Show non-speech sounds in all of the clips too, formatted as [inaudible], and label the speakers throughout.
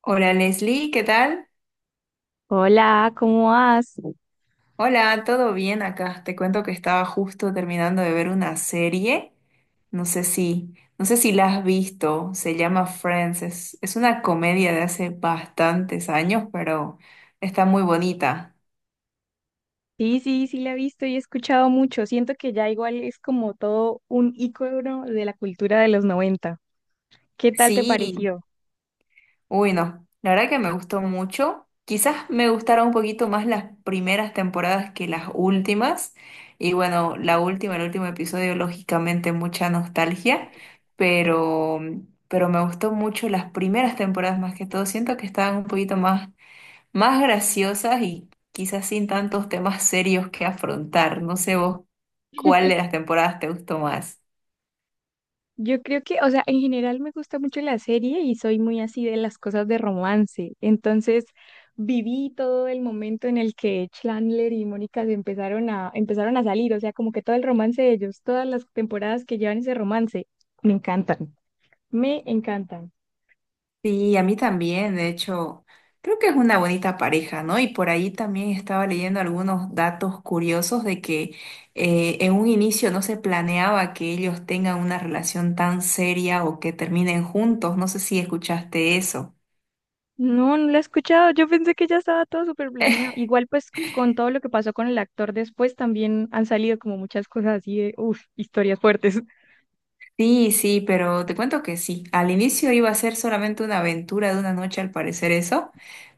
Speaker 1: Hola Leslie, ¿qué tal?
Speaker 2: Hola, ¿cómo vas?
Speaker 1: Hola, ¿todo bien acá? Te cuento que estaba justo terminando de ver una serie. No sé si la has visto. Se llama Friends. Es una comedia de hace bastantes años, pero está muy bonita.
Speaker 2: Sí, sí, sí la he visto y he escuchado mucho. Siento que ya igual es como todo un ícono de la cultura de los 90. ¿Qué tal te
Speaker 1: Sí.
Speaker 2: pareció?
Speaker 1: Uy, no, la verdad que me gustó mucho. Quizás me gustaron un poquito más las primeras temporadas que las últimas. Y bueno, la última, el último episodio, lógicamente mucha nostalgia, pero, pero me gustó mucho las primeras temporadas más que todo. Siento que estaban un poquito más graciosas y quizás sin tantos temas serios que afrontar. No sé vos cuál de las temporadas te gustó más.
Speaker 2: Yo creo que, o sea, en general me gusta mucho la serie y soy muy así de las cosas de romance. Entonces, viví todo el momento en el que Chandler y Mónica empezaron a salir, o sea, como que todo el romance de ellos, todas las temporadas que llevan ese romance, me encantan, me encantan.
Speaker 1: Sí, a mí también, de hecho, creo que es una bonita pareja, ¿no? Y por ahí también estaba leyendo algunos datos curiosos de que en un inicio no se planeaba que ellos tengan una relación tan seria o que terminen juntos, no sé si escuchaste eso.
Speaker 2: No, no la he escuchado. Yo pensé que ya estaba todo súper planeado. Igual, pues, con todo lo que pasó con el actor después, también han salido como muchas cosas así de, uff, historias fuertes. [laughs]
Speaker 1: Sí, sí, pero te cuento que sí, al inicio iba a ser solamente una aventura de una noche al parecer eso,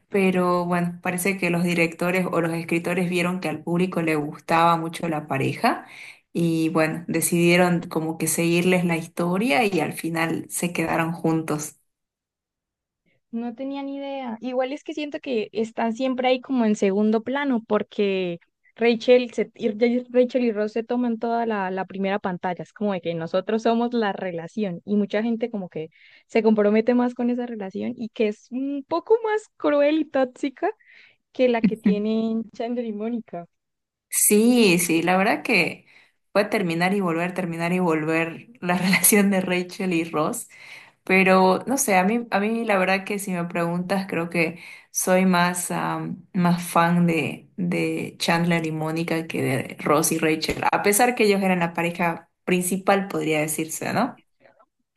Speaker 1: pero bueno, parece que los directores o los escritores vieron que al público le gustaba mucho la pareja y bueno, decidieron como que seguirles la historia y al final se quedaron juntos.
Speaker 2: No tenía ni idea. Igual es que siento que están siempre ahí como en segundo plano, porque Rachel, Rachel y Ross se toman toda la primera pantalla. Es como de que nosotros somos la relación y mucha gente como que se compromete más con esa relación y que es un poco más cruel y tóxica que la que
Speaker 1: [laughs]
Speaker 2: tienen Chandler y Mónica.
Speaker 1: Sí, sí, la verdad que fue terminar y volver la [laughs] relación de Rachel y Ross, pero no sé, a mí la verdad que si me preguntas creo que soy más fan de Chandler y Mónica que de Ross y Rachel, a pesar que ellos eran la pareja principal, podría decirse, ¿no?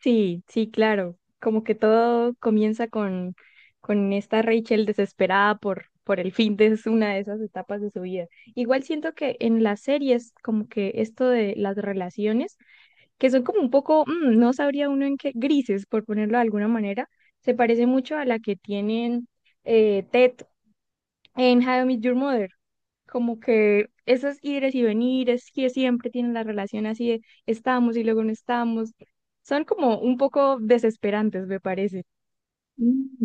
Speaker 2: Sí, sí, claro. Como que todo comienza con esta Rachel desesperada por el fin de una de esas etapas de su vida. Igual siento que en las series, como que esto de las relaciones, que son como un poco, no sabría uno en qué, grises, por ponerlo de alguna manera, se parece mucho a la que tienen Ted en How I Met Your Mother. Como que esos ires y venires que siempre tienen la relación así de estamos y luego no estamos, son como un poco desesperantes, me parece.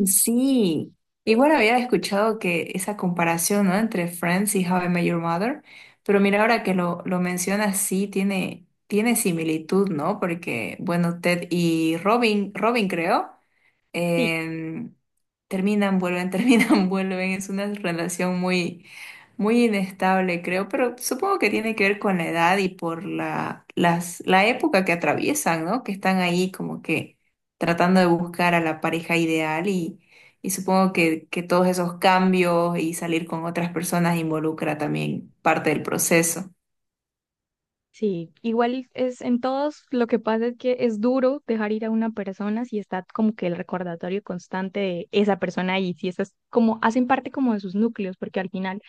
Speaker 1: Sí, y bueno, había escuchado que esa comparación, ¿no? Entre Friends y How I Met Your Mother, pero mira, ahora que lo mencionas, sí, tiene similitud, ¿no? Porque, bueno, Ted y Robin, Robin creo,
Speaker 2: Sí.
Speaker 1: em, terminan, vuelven, [laughs] terminan, vuelven. Es una relación muy inestable, creo, pero supongo que tiene que ver con la edad y por la época que atraviesan, ¿no? Que están ahí como que tratando de buscar a la pareja ideal y supongo que todos esos cambios y salir con otras personas involucra también parte del proceso.
Speaker 2: Sí, igual es en todos, lo que pasa es que es duro dejar ir a una persona si está como que el recordatorio constante de esa persona ahí, si esas como hacen parte como de sus núcleos, porque al final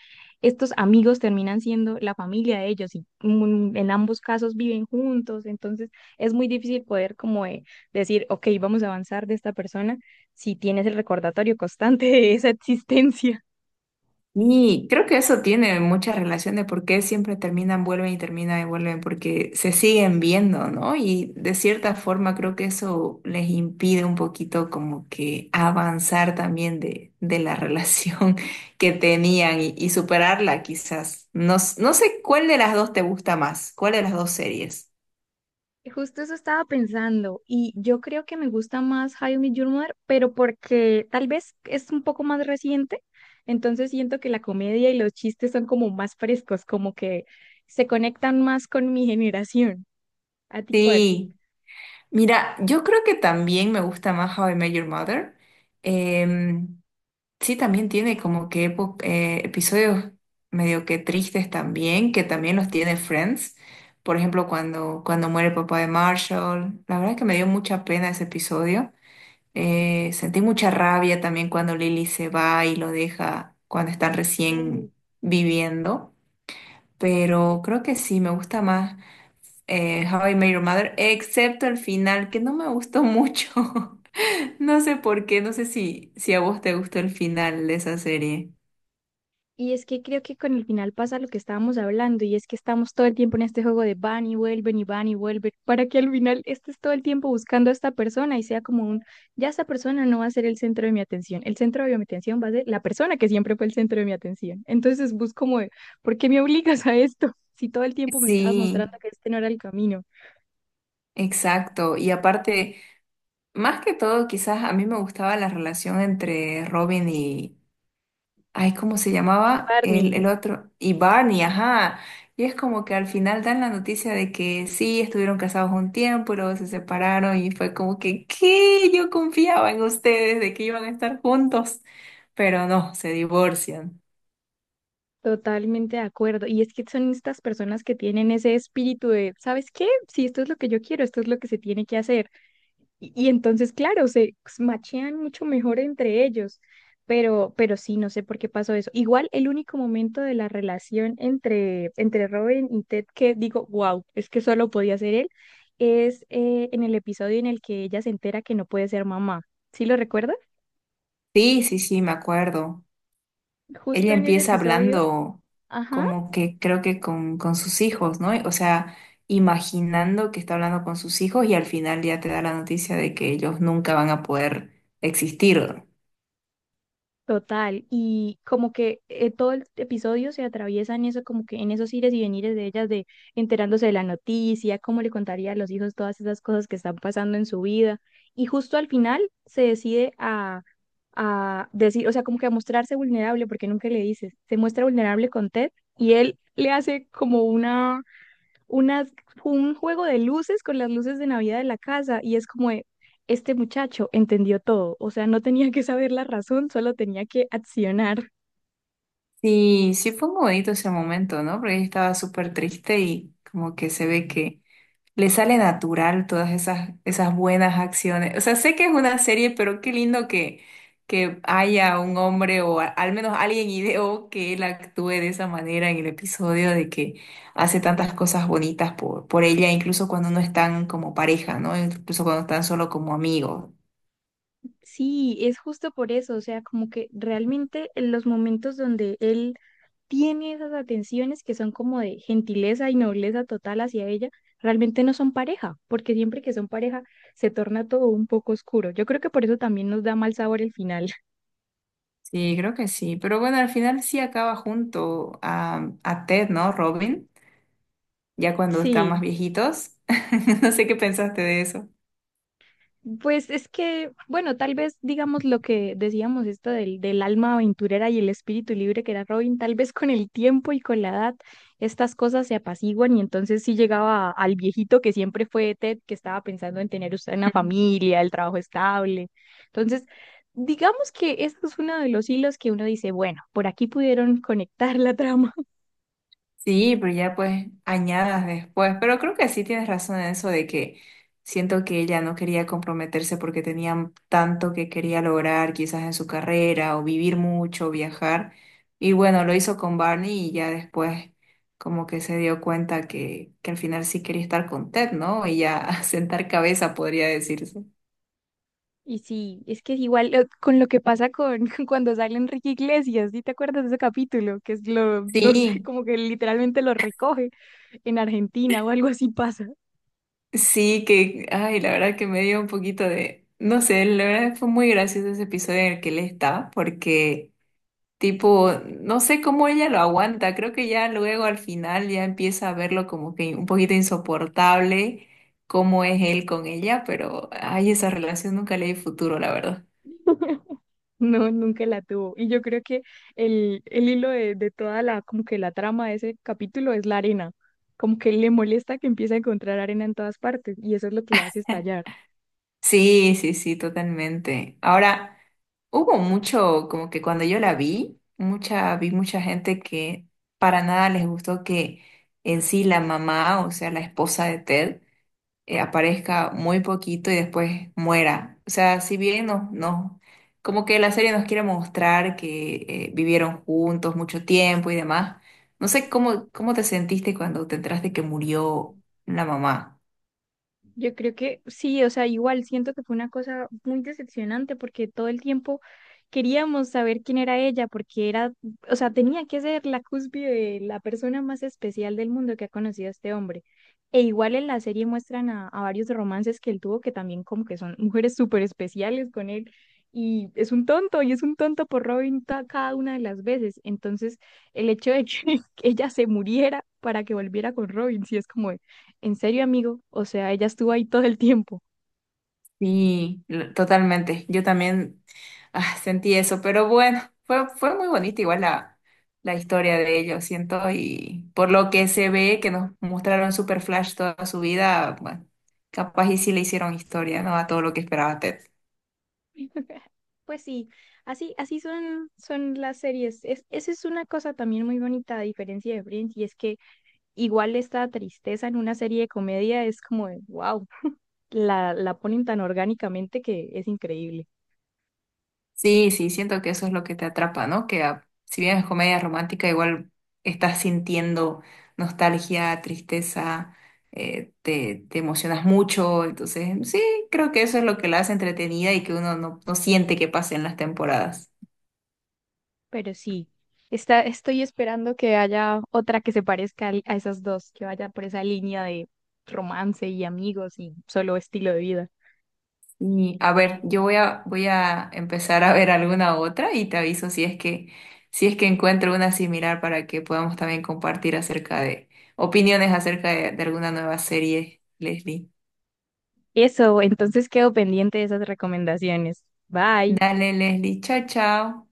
Speaker 2: estos amigos terminan siendo la familia de ellos y en ambos casos viven juntos, entonces es muy difícil poder como decir, ok, vamos a avanzar de esta persona si tienes el recordatorio constante de esa existencia.
Speaker 1: Y creo que eso tiene mucha relación de por qué siempre terminan, vuelven y terminan y vuelven, porque se siguen viendo, ¿no? Y de cierta forma creo que eso les impide un poquito como que avanzar también de la [laughs] relación que tenían y superarla quizás. No, no sé cuál de las dos te gusta más, cuál de las dos series.
Speaker 2: Justo eso estaba pensando y yo creo que me gusta más How I Met Your Mother, pero porque tal vez es un poco más reciente, entonces siento que la comedia y los chistes son como más frescos, como que se conectan más con mi generación. ¿A ti cuál?
Speaker 1: Sí, mira, yo creo que también me gusta más How I Met Your Mother. Em, Sí, también tiene como que episodios medio que tristes también, que también los tiene Friends. Por ejemplo, cuando muere el papá de Marshall. La verdad es que me dio mucha pena ese episodio. Sentí mucha rabia también cuando Lily se va y lo deja cuando están recién viviendo. Pero creo que sí, me gusta más How I Met Your Mother, excepto el final, que no me gustó mucho. [laughs] No sé por qué, no sé si a vos te gustó el final de esa serie.
Speaker 2: Y es que creo que con el final pasa lo que estábamos hablando, y es que estamos todo el tiempo en este juego de van y vuelven y van y vuelven, para que al final estés todo el tiempo buscando a esta persona y sea como un, ya esta persona no va a ser el centro de mi atención, el centro de mi atención va a ser la persona que siempre fue el centro de mi atención. Entonces busco como, de, ¿por qué me obligas a esto? [laughs] Si todo el tiempo me estabas
Speaker 1: Sí,
Speaker 2: mostrando que este no era el camino.
Speaker 1: exacto. Y aparte, más que todo, quizás a mí me gustaba la relación entre Robin y, ay, ¿cómo se llamaba? El,
Speaker 2: Barney,
Speaker 1: el otro, y Barney, ajá. Y es como que al final dan la noticia de que sí, estuvieron casados un tiempo y luego se separaron y fue como que, ¿qué? Yo confiaba en ustedes de que iban a estar juntos, pero no, se divorcian.
Speaker 2: totalmente de acuerdo. Y es que son estas personas que tienen ese espíritu de, ¿sabes qué? Si esto es lo que yo quiero, esto es lo que se tiene que hacer. Y entonces, claro, se machean mucho mejor entre ellos, pero sí, no sé por qué pasó eso. Igual el único momento de la relación entre Robin y Ted que digo, wow, es que solo podía ser él, es en el episodio en el que ella se entera que no puede ser mamá. ¿Sí lo recuerda?
Speaker 1: Sí, sí, sí, me acuerdo. Ella
Speaker 2: Justo en ese
Speaker 1: empieza
Speaker 2: episodio,
Speaker 1: hablando
Speaker 2: ajá.
Speaker 1: como que creo que con sus hijos, ¿no? O sea, imaginando que está hablando con sus hijos y al final ya te da la noticia de que ellos nunca van a poder existir.
Speaker 2: Total, y como que todo el episodio se atraviesa en eso, como que en esos ires y venires de ellas, de enterándose de la noticia, cómo le contaría a los hijos todas esas cosas que están pasando en su vida. Y justo al final a decir, o sea, como que a mostrarse vulnerable, porque nunca le dices, se muestra vulnerable con Ted y él le hace como unas, un juego de luces con las luces de Navidad de la casa y es como de, este muchacho entendió todo, o sea, no tenía que saber la razón, solo tenía que accionar.
Speaker 1: Sí, sí fue muy bonito ese momento, ¿no? Porque ella estaba súper triste y como que se ve que le sale natural todas esas, esas buenas acciones. O sea, sé que es una serie, pero qué lindo que haya un hombre o al menos alguien ideó que él actúe de esa manera en el episodio de que hace tantas cosas bonitas por ella, incluso cuando no están como pareja, ¿no? Incluso cuando están solo como amigos.
Speaker 2: Sí, es justo por eso, o sea, como que realmente en los momentos donde él tiene esas atenciones que son como de gentileza y nobleza total hacia ella, realmente no son pareja, porque siempre que son pareja se torna todo un poco oscuro. Yo creo que por eso también nos da mal sabor el final. [laughs]
Speaker 1: Sí, creo que sí. Pero bueno, al final sí acaba junto a Ted, ¿no? Robin, ya cuando están más
Speaker 2: Sí,
Speaker 1: viejitos. [laughs] No sé qué pensaste de eso.
Speaker 2: pues es que, bueno, tal vez digamos lo que decíamos esto del alma aventurera y el espíritu libre que era Robin, tal vez con el tiempo y con la edad estas cosas se apaciguan y entonces sí llegaba al viejito que siempre fue Ted, que estaba pensando en tener usted una
Speaker 1: [laughs]
Speaker 2: familia, el trabajo estable. Entonces, digamos que ese es uno de los hilos que uno dice, bueno, por aquí pudieron conectar la trama.
Speaker 1: Sí, pero ya pues añadas después. Pero creo que sí tienes razón en eso de que siento que ella no quería comprometerse porque tenía tanto que quería lograr quizás en su carrera o vivir mucho, viajar. Y bueno, lo hizo con Barney y ya después como que se dio cuenta que al final sí quería estar con Ted, ¿no? Y ya [laughs] sentar cabeza podría decirse.
Speaker 2: Y sí, es que es igual con lo que pasa con [laughs] cuando sale Enrique Iglesias, ¿sí te acuerdas de ese capítulo? Que es lo, no sé, [laughs]
Speaker 1: Sí,
Speaker 2: como que literalmente lo recoge en Argentina o algo así pasa. [laughs]
Speaker 1: sí, que, ay, la verdad que me dio un poquito de, no sé, la verdad fue muy gracioso ese episodio en el que él está porque... Tipo, no sé cómo ella lo aguanta, creo que ya luego al final ya empieza a verlo como que un poquito insoportable cómo es él con ella, pero ay, esa relación nunca le di futuro, la verdad.
Speaker 2: No, nunca la tuvo. Y yo creo que el hilo de toda como que la trama de ese capítulo es la arena. Como que le molesta que empiece a encontrar arena en todas partes y eso es lo que le hace estallar.
Speaker 1: Sí, sí, sí, totalmente. Ahora, hubo mucho, como que cuando yo la vi mucha gente que para nada les gustó que en sí la mamá, o sea, la esposa de Ted, aparezca muy poquito y después muera. O sea, si bien como que la serie nos quiere mostrar que vivieron juntos mucho tiempo y demás, no sé cómo te sentiste cuando te enteraste que murió la mamá.
Speaker 2: Yo creo que sí, o sea, igual siento que fue una cosa muy decepcionante porque todo el tiempo queríamos saber quién era ella, porque era, o sea, tenía que ser la cúspide de la persona más especial del mundo que ha conocido a este hombre. E igual en la serie muestran a varios romances que él tuvo, que también como que son mujeres súper especiales con él. Y es un tonto, y es un tonto por Robin cada una de las veces. Entonces, el hecho de que [laughs] ella se muriera para que volviera con Robin, sí es como, en serio, amigo, o sea, ella estuvo ahí todo el tiempo.
Speaker 1: Sí, totalmente. Yo también sentí eso, pero bueno, fue muy bonita igual la historia de ellos, siento, y por lo que se ve que nos mostraron Super Flash toda su vida, bueno, capaz y sí le hicieron historia, ¿no? A todo lo que esperaba Ted.
Speaker 2: [laughs] Pues sí, así, así son, son las series. Es, esa es una cosa también muy bonita, a diferencia de Friends, y es que igual esta tristeza en una serie de comedia es como de, wow, la ponen tan orgánicamente que es increíble.
Speaker 1: Sí, sí, siento que eso es lo que te atrapa, ¿no? Que si bien es comedia romántica, igual estás sintiendo nostalgia, tristeza, te emocionas mucho, entonces sí, creo que eso es lo que la hace entretenida y que uno no, no siente que pasen las temporadas.
Speaker 2: Pero sí, estoy esperando que haya otra que se parezca a esas dos, que vaya por esa línea de romance y amigos y solo estilo de vida.
Speaker 1: Y a ver, yo voy a empezar a ver alguna otra y te aviso si es si es que encuentro una similar para que podamos también compartir acerca de opiniones acerca de alguna nueva serie, Leslie.
Speaker 2: Eso, entonces quedo pendiente de esas recomendaciones. Bye.
Speaker 1: Dale, Leslie. Chao, chao.